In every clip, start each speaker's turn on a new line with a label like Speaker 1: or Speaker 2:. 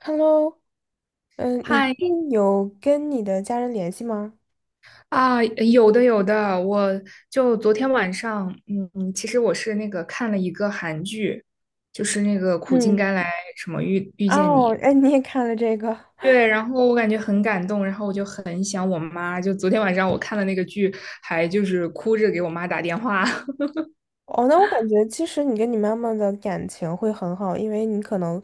Speaker 1: Hello,你
Speaker 2: 嗨
Speaker 1: 最近有跟你的家人联系吗？
Speaker 2: 啊，有的有的，我就昨天晚上，其实我是那个看了一个韩剧，就是那个《苦尽
Speaker 1: 嗯。
Speaker 2: 甘来》什么遇见
Speaker 1: 哦，
Speaker 2: 你。
Speaker 1: 哎，你也看了这个。
Speaker 2: 对，然后我感觉很感动，然后我就很想我妈，就昨天晚上我看了那个剧，还就是哭着给我妈打电话。
Speaker 1: 哦，那我感觉其实你跟你妈妈的感情会很好，因为你可能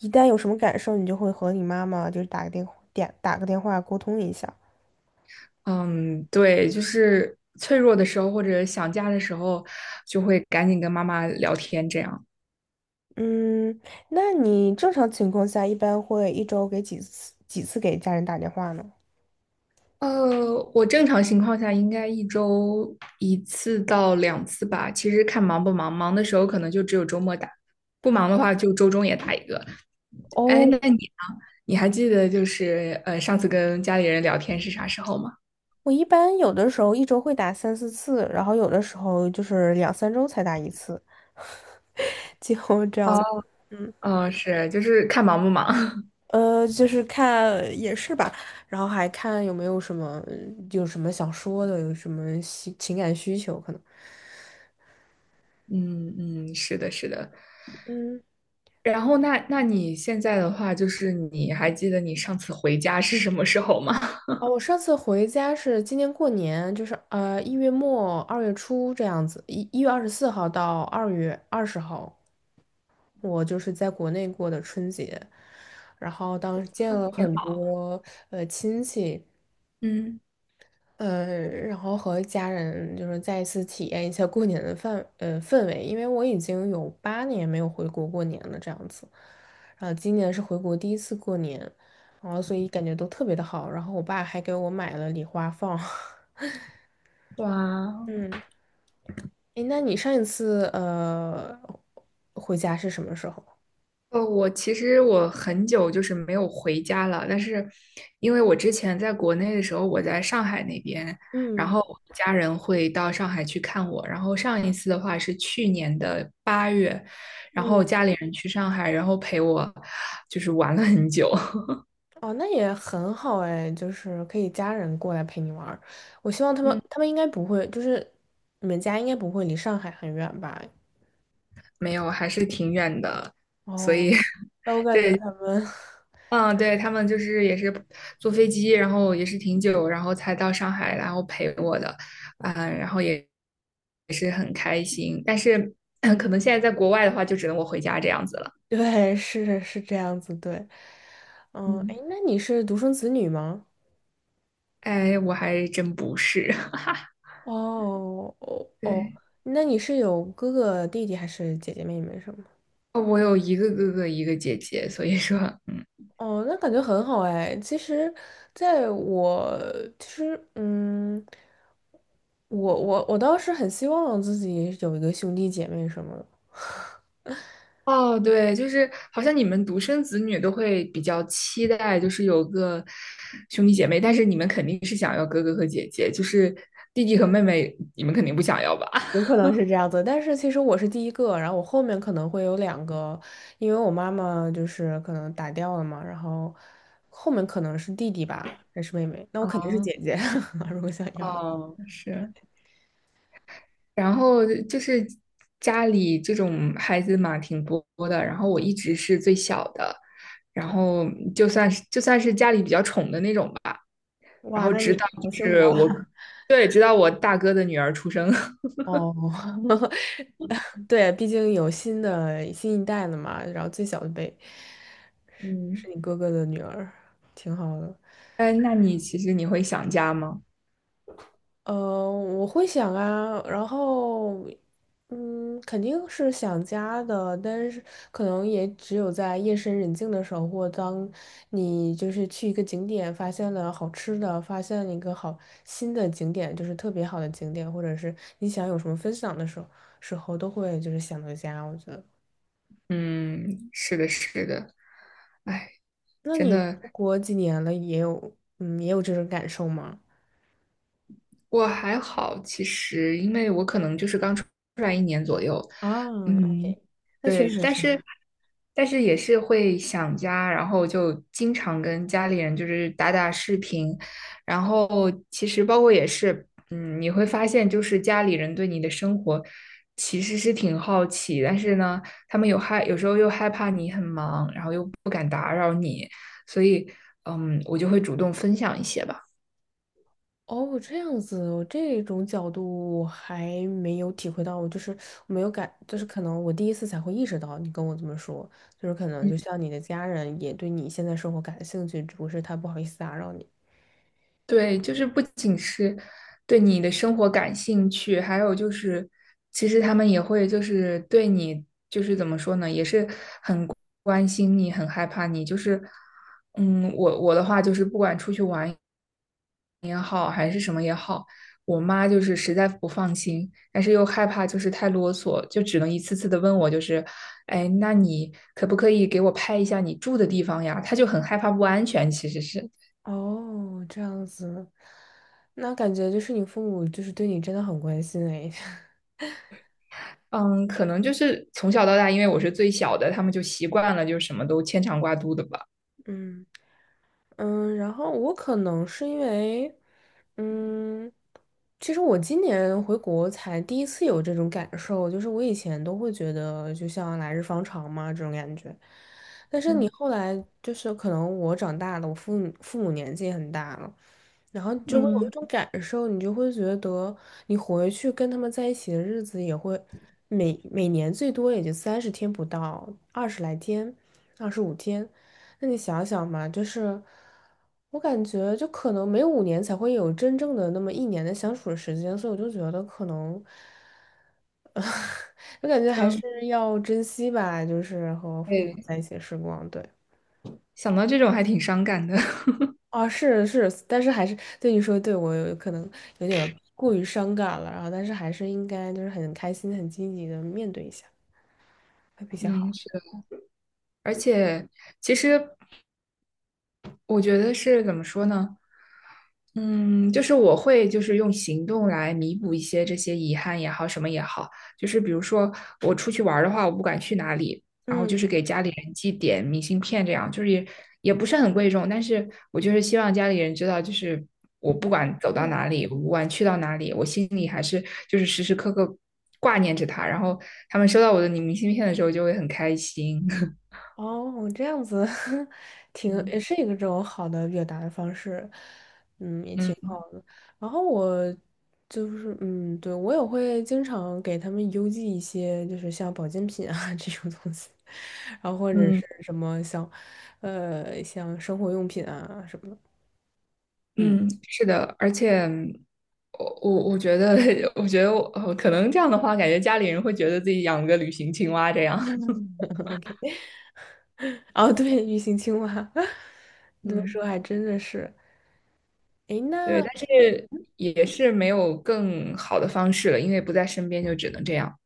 Speaker 1: 一旦有什么感受，你就会和你妈妈就是打个电话沟通一下。
Speaker 2: 嗯，对，就是脆弱的时候或者想家的时候，就会赶紧跟妈妈聊天这样。
Speaker 1: 嗯，那你正常情况下一般会一周给几次给家人打电话呢？
Speaker 2: 我正常情况下应该一周一次到两次吧。其实看忙不忙，忙的时候可能就只有周末打，不忙的话就周中也打一个。哎，
Speaker 1: 哦，
Speaker 2: 那你呢？你还记得就是上次跟家里人聊天是啥时候吗？
Speaker 1: 我一般有的时候一周会打3、4次，然后有的时候就是2、3周才打一次。这样。
Speaker 2: 哦，哦，是，就是看忙不忙。
Speaker 1: 就是看也是吧，然后还看有没有什么有什么想说的，有什么情感需求可能。
Speaker 2: 嗯嗯，是的，是的。
Speaker 1: 嗯。
Speaker 2: 然后那你现在的话，就是你还记得你上次回家是什么时候吗？
Speaker 1: 哦，我上次回家是今年过年，就是1月末2月初这样子，一月24号到2月20号，我就是在国内过的春节，然后当时见了
Speaker 2: 挺
Speaker 1: 很
Speaker 2: 好。
Speaker 1: 多亲戚。
Speaker 2: 嗯，
Speaker 1: 然后和家人就是再一次体验一下过年的氛围，因为我已经有8年没有回国过年了这样子，然后今年是回国第一次过年，然后所以感觉都特别的好，然后我爸还给我买了礼花放。
Speaker 2: 哇，
Speaker 1: 嗯，诶，那你上一次回家是什么时候？
Speaker 2: 呃，我其实我很久就是没有回家了，但是因为我之前在国内的时候，我在上海那边，然
Speaker 1: 嗯
Speaker 2: 后我家人会到上海去看我，然后上一次的话是去年的8月，然后
Speaker 1: 嗯。
Speaker 2: 家里人去上海，然后陪我就是玩了很久。
Speaker 1: 哦，那也很好哎，就是可以家人过来陪你玩儿。我希望他 们，
Speaker 2: 嗯，
Speaker 1: 他们应该不会，就是你们家应该不会离上海很远吧？
Speaker 2: 没有，还是挺远的，所
Speaker 1: 哦，
Speaker 2: 以
Speaker 1: 那我感觉
Speaker 2: 对，
Speaker 1: 他们。
Speaker 2: 嗯，对，他们就是也是坐飞机，然后也是挺久，然后才到上海，然后陪我的，嗯，然后也也是很开心。但是 可能现在在国外的话，就只能我回家这样子了。
Speaker 1: 对，是这样子，对。嗯，哎，
Speaker 2: 嗯，
Speaker 1: 那你是独生子女吗？
Speaker 2: 哎，我还真不是。
Speaker 1: 哦哦哦，
Speaker 2: 对，
Speaker 1: 那你是有哥哥弟弟还是姐姐妹妹什么？
Speaker 2: 哦我有一个哥哥，一个姐姐，所以说，嗯。
Speaker 1: 哦，那感觉很好哎。其实，在我其实，我倒是很希望自己有一个兄弟姐妹什么的。
Speaker 2: 哦，对，就是好像你们独生子女都会比较期待，就是有个兄弟姐妹，但是你们肯定是想要哥哥和姐姐，就是弟弟和妹妹，你们肯定不想要吧？
Speaker 1: 有可能是这样子。但是其实我是第一个，然后我后面可能会有两个，因为我妈妈就是可能打掉了嘛，然后后面可能是弟弟吧，还是妹妹？那 我肯定是
Speaker 2: 哦，
Speaker 1: 姐姐，如果想要的。
Speaker 2: 哦，是，然后就是家里这种孩子嘛，挺多的，然后我一直是最小的，然后就算是家里比较宠的那种吧，然
Speaker 1: 哇，
Speaker 2: 后
Speaker 1: 那
Speaker 2: 直
Speaker 1: 你
Speaker 2: 到
Speaker 1: 好
Speaker 2: 就
Speaker 1: 幸福
Speaker 2: 是我，
Speaker 1: 啊！
Speaker 2: 对，直到我大哥的女儿出生。
Speaker 1: 哦。对，毕竟有新一代了嘛，然后最小的辈 是
Speaker 2: 嗯。
Speaker 1: 你哥哥的女儿，挺好的。
Speaker 2: 哎，那你其实你会想家吗？
Speaker 1: 我会想啊，然后，肯定是想家的，但是可能也只有在夜深人静的时候，或当你就是去一个景点，发现了好吃的，发现了一个好新的景点，就是特别好的景点，或者是你想有什么分享的时候，时候都会就是想到家，我觉得。
Speaker 2: 嗯，是的，是的。哎，
Speaker 1: 那
Speaker 2: 真
Speaker 1: 你
Speaker 2: 的，
Speaker 1: 出国几年了，也有也有这种感受吗？
Speaker 2: 我还好，其实因为我可能就是刚出来一年左右，
Speaker 1: 啊
Speaker 2: 嗯，
Speaker 1: ，OK，那确
Speaker 2: 对，
Speaker 1: 实
Speaker 2: 但
Speaker 1: 是。
Speaker 2: 是但是也是会想家，然后就经常跟家里人就是打打视频，然后其实包括也是，嗯，你会发现就是家里人对你的生活其实是挺好奇，但是呢，他们有时候又害怕你很忙，然后又不敢打扰你，所以嗯，我就会主动分享一些吧。
Speaker 1: 哦，这样子，我这种角度我还没有体会到，我就是没有感，就是可能我第一次才会意识到你跟我这么说，就是可能
Speaker 2: 嗯
Speaker 1: 就像你的家人也对你现在生活感兴趣，只不过是他不好意思打扰你。
Speaker 2: 对，就是不仅是对你的生活感兴趣，还有就是，其实他们也会就是对你就是怎么说呢，也是很关心你，很害怕你。就是，嗯，我的话就是，不管出去玩也好，还是什么也好，我妈就是实在不放心，但是又害怕就是太啰嗦，就只能一次次的问我，就是，哎，那你可不可以给我拍一下你住的地方呀？她就很害怕不安全，其实是。
Speaker 1: 哦，这样子，那感觉就是你父母就是对你真的很关心哎。
Speaker 2: 嗯，可能就是从小到大，因为我是最小的，他们就习惯了，就什么都牵肠挂肚的吧。
Speaker 1: 嗯。然后我可能是因为，嗯，其实我今年回国才第一次有这种感受，就是我以前都会觉得就像来日方长嘛这种感觉，但是你后来就是可能我长大了，我父母年纪也很大了，然后就会有一
Speaker 2: 嗯
Speaker 1: 种感受，你就会觉得你回去跟他们在一起的日子也会每年最多也就30天不到，20来天，25天。那你想想嘛，就是我感觉就可能每5年才会有真正的那么1年的相处的时间，所以我就觉得可能，我感觉还
Speaker 2: 嗯，
Speaker 1: 是要珍惜吧，就是和父母
Speaker 2: 对，
Speaker 1: 在一起的时光。对。
Speaker 2: 想到这种还挺伤感的。
Speaker 1: 啊，是是，但是还是对你说，对我有可能有点过于伤感了，然后但是还是应该就是很开心、很积极的面对一下，会比较
Speaker 2: 嗯，
Speaker 1: 好。
Speaker 2: 是。而且其实我觉得是怎么说呢？嗯，就是我会就是用行动来弥补一些这些遗憾也好，什么也好，就是比如说我出去玩儿的话，我不管去哪里，然后就是
Speaker 1: 嗯。
Speaker 2: 给家里人寄点明信片，这样就是也也不是很贵重，但是我就是希望家里人知道，就是我不管走到哪里，我不管去到哪里，我心里还是就是时时刻刻挂念着他，然后他们收到我的明信片的时候就会很开心。
Speaker 1: 哦，这样子。 挺也
Speaker 2: 嗯
Speaker 1: 是一个这种好的表达的方式，嗯，也挺
Speaker 2: 嗯
Speaker 1: 好的。然后我就是，对，我也会经常给他们邮寄一些，就是像保健品啊 这种东西，然后或者
Speaker 2: 嗯
Speaker 1: 是什么像，像生活用品啊什么的。嗯。
Speaker 2: 嗯，是的，而且我觉得，我觉得我可能这样的话，感觉家里人会觉得自己养个旅行青蛙这样。
Speaker 1: ，OK。哦，对，鱼形青蛙，你这么
Speaker 2: 嗯，
Speaker 1: 说还真的是。诶，
Speaker 2: 对，
Speaker 1: 那。
Speaker 2: 但是也是没有更好的方式了，因为不在身边，就只能这样。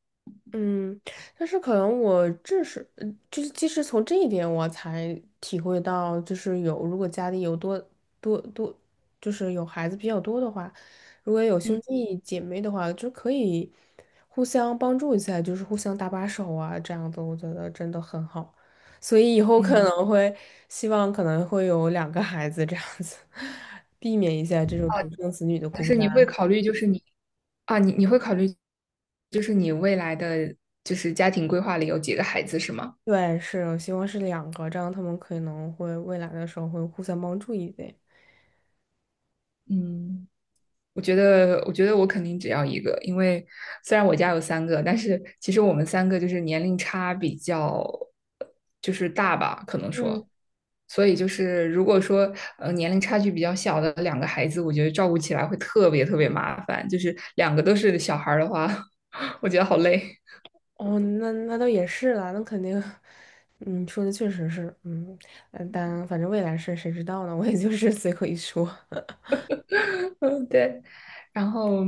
Speaker 1: 嗯，但是可能我这是，就是即使从这一点，我才体会到，就是有如果家里有多，就是有孩子比较多的话，如果有
Speaker 2: 嗯
Speaker 1: 兄弟姐妹的话，就可以互相帮助一下，就是互相搭把手啊，这样子我觉得真的很好。所以以后可
Speaker 2: 嗯，
Speaker 1: 能会希望可能会有2个孩子这样子，避免一下这种独生子女的
Speaker 2: 就
Speaker 1: 孤
Speaker 2: 是你会
Speaker 1: 单。
Speaker 2: 考虑，就是你啊，你会考虑，就是你未来的就是家庭规划里有几个孩子是吗？
Speaker 1: 对，是，我希望是两个，这样他们可能会未来的时候会互相帮助一点。
Speaker 2: 嗯。我觉得，我觉得我肯定只要一个，因为虽然我家有三个，但是其实我们三个就是年龄差比较就是大吧，可能
Speaker 1: 嗯。
Speaker 2: 说，所以就是如果说年龄差距比较小的两个孩子，我觉得照顾起来会特别特别麻烦，就是两个都是小孩儿的话，我觉得好累。
Speaker 1: 哦，那倒也是啦，那肯定。嗯，说的确实是，嗯，但反正未来事谁知道呢？我也就是随口一说。
Speaker 2: 嗯对，然后。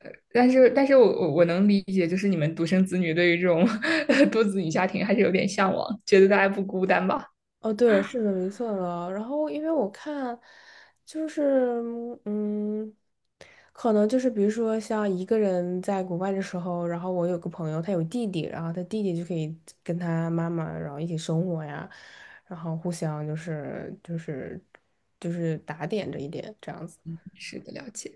Speaker 2: 但是，但是我能理解，就是你们独生子女对于这种 多子女家庭还是有点向往，觉得大家不孤单吧。
Speaker 1: 哦，对，是的，没错的。然后，因为我看，就是嗯，可能就是比如说像一个人在国外的时候，然后我有个朋友，他有弟弟，然后他弟弟就可以跟他妈妈，然后一起生活呀，然后互相就是打点着一点这样子。
Speaker 2: 是的，了解。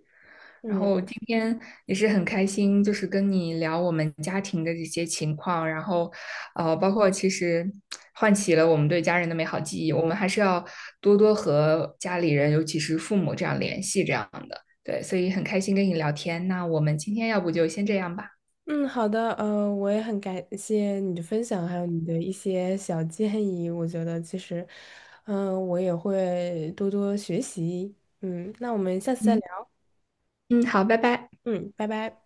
Speaker 2: 然
Speaker 1: 嗯。
Speaker 2: 后今天也是很开心，就是跟你聊我们家庭的这些情况，然后，呃，包括其实唤起了我们对家人的美好记忆。我们还是要多多和家里人，尤其是父母这样联系，这样的。对，所以很开心跟你聊天。那我们今天要不就先这样吧。
Speaker 1: 嗯，好的，我也很感谢你的分享，还有你的一些小建议。我觉得其实，我也会多多学习。嗯，那我们下次再
Speaker 2: 嗯
Speaker 1: 聊。
Speaker 2: 嗯，好，拜拜。
Speaker 1: 嗯，拜拜。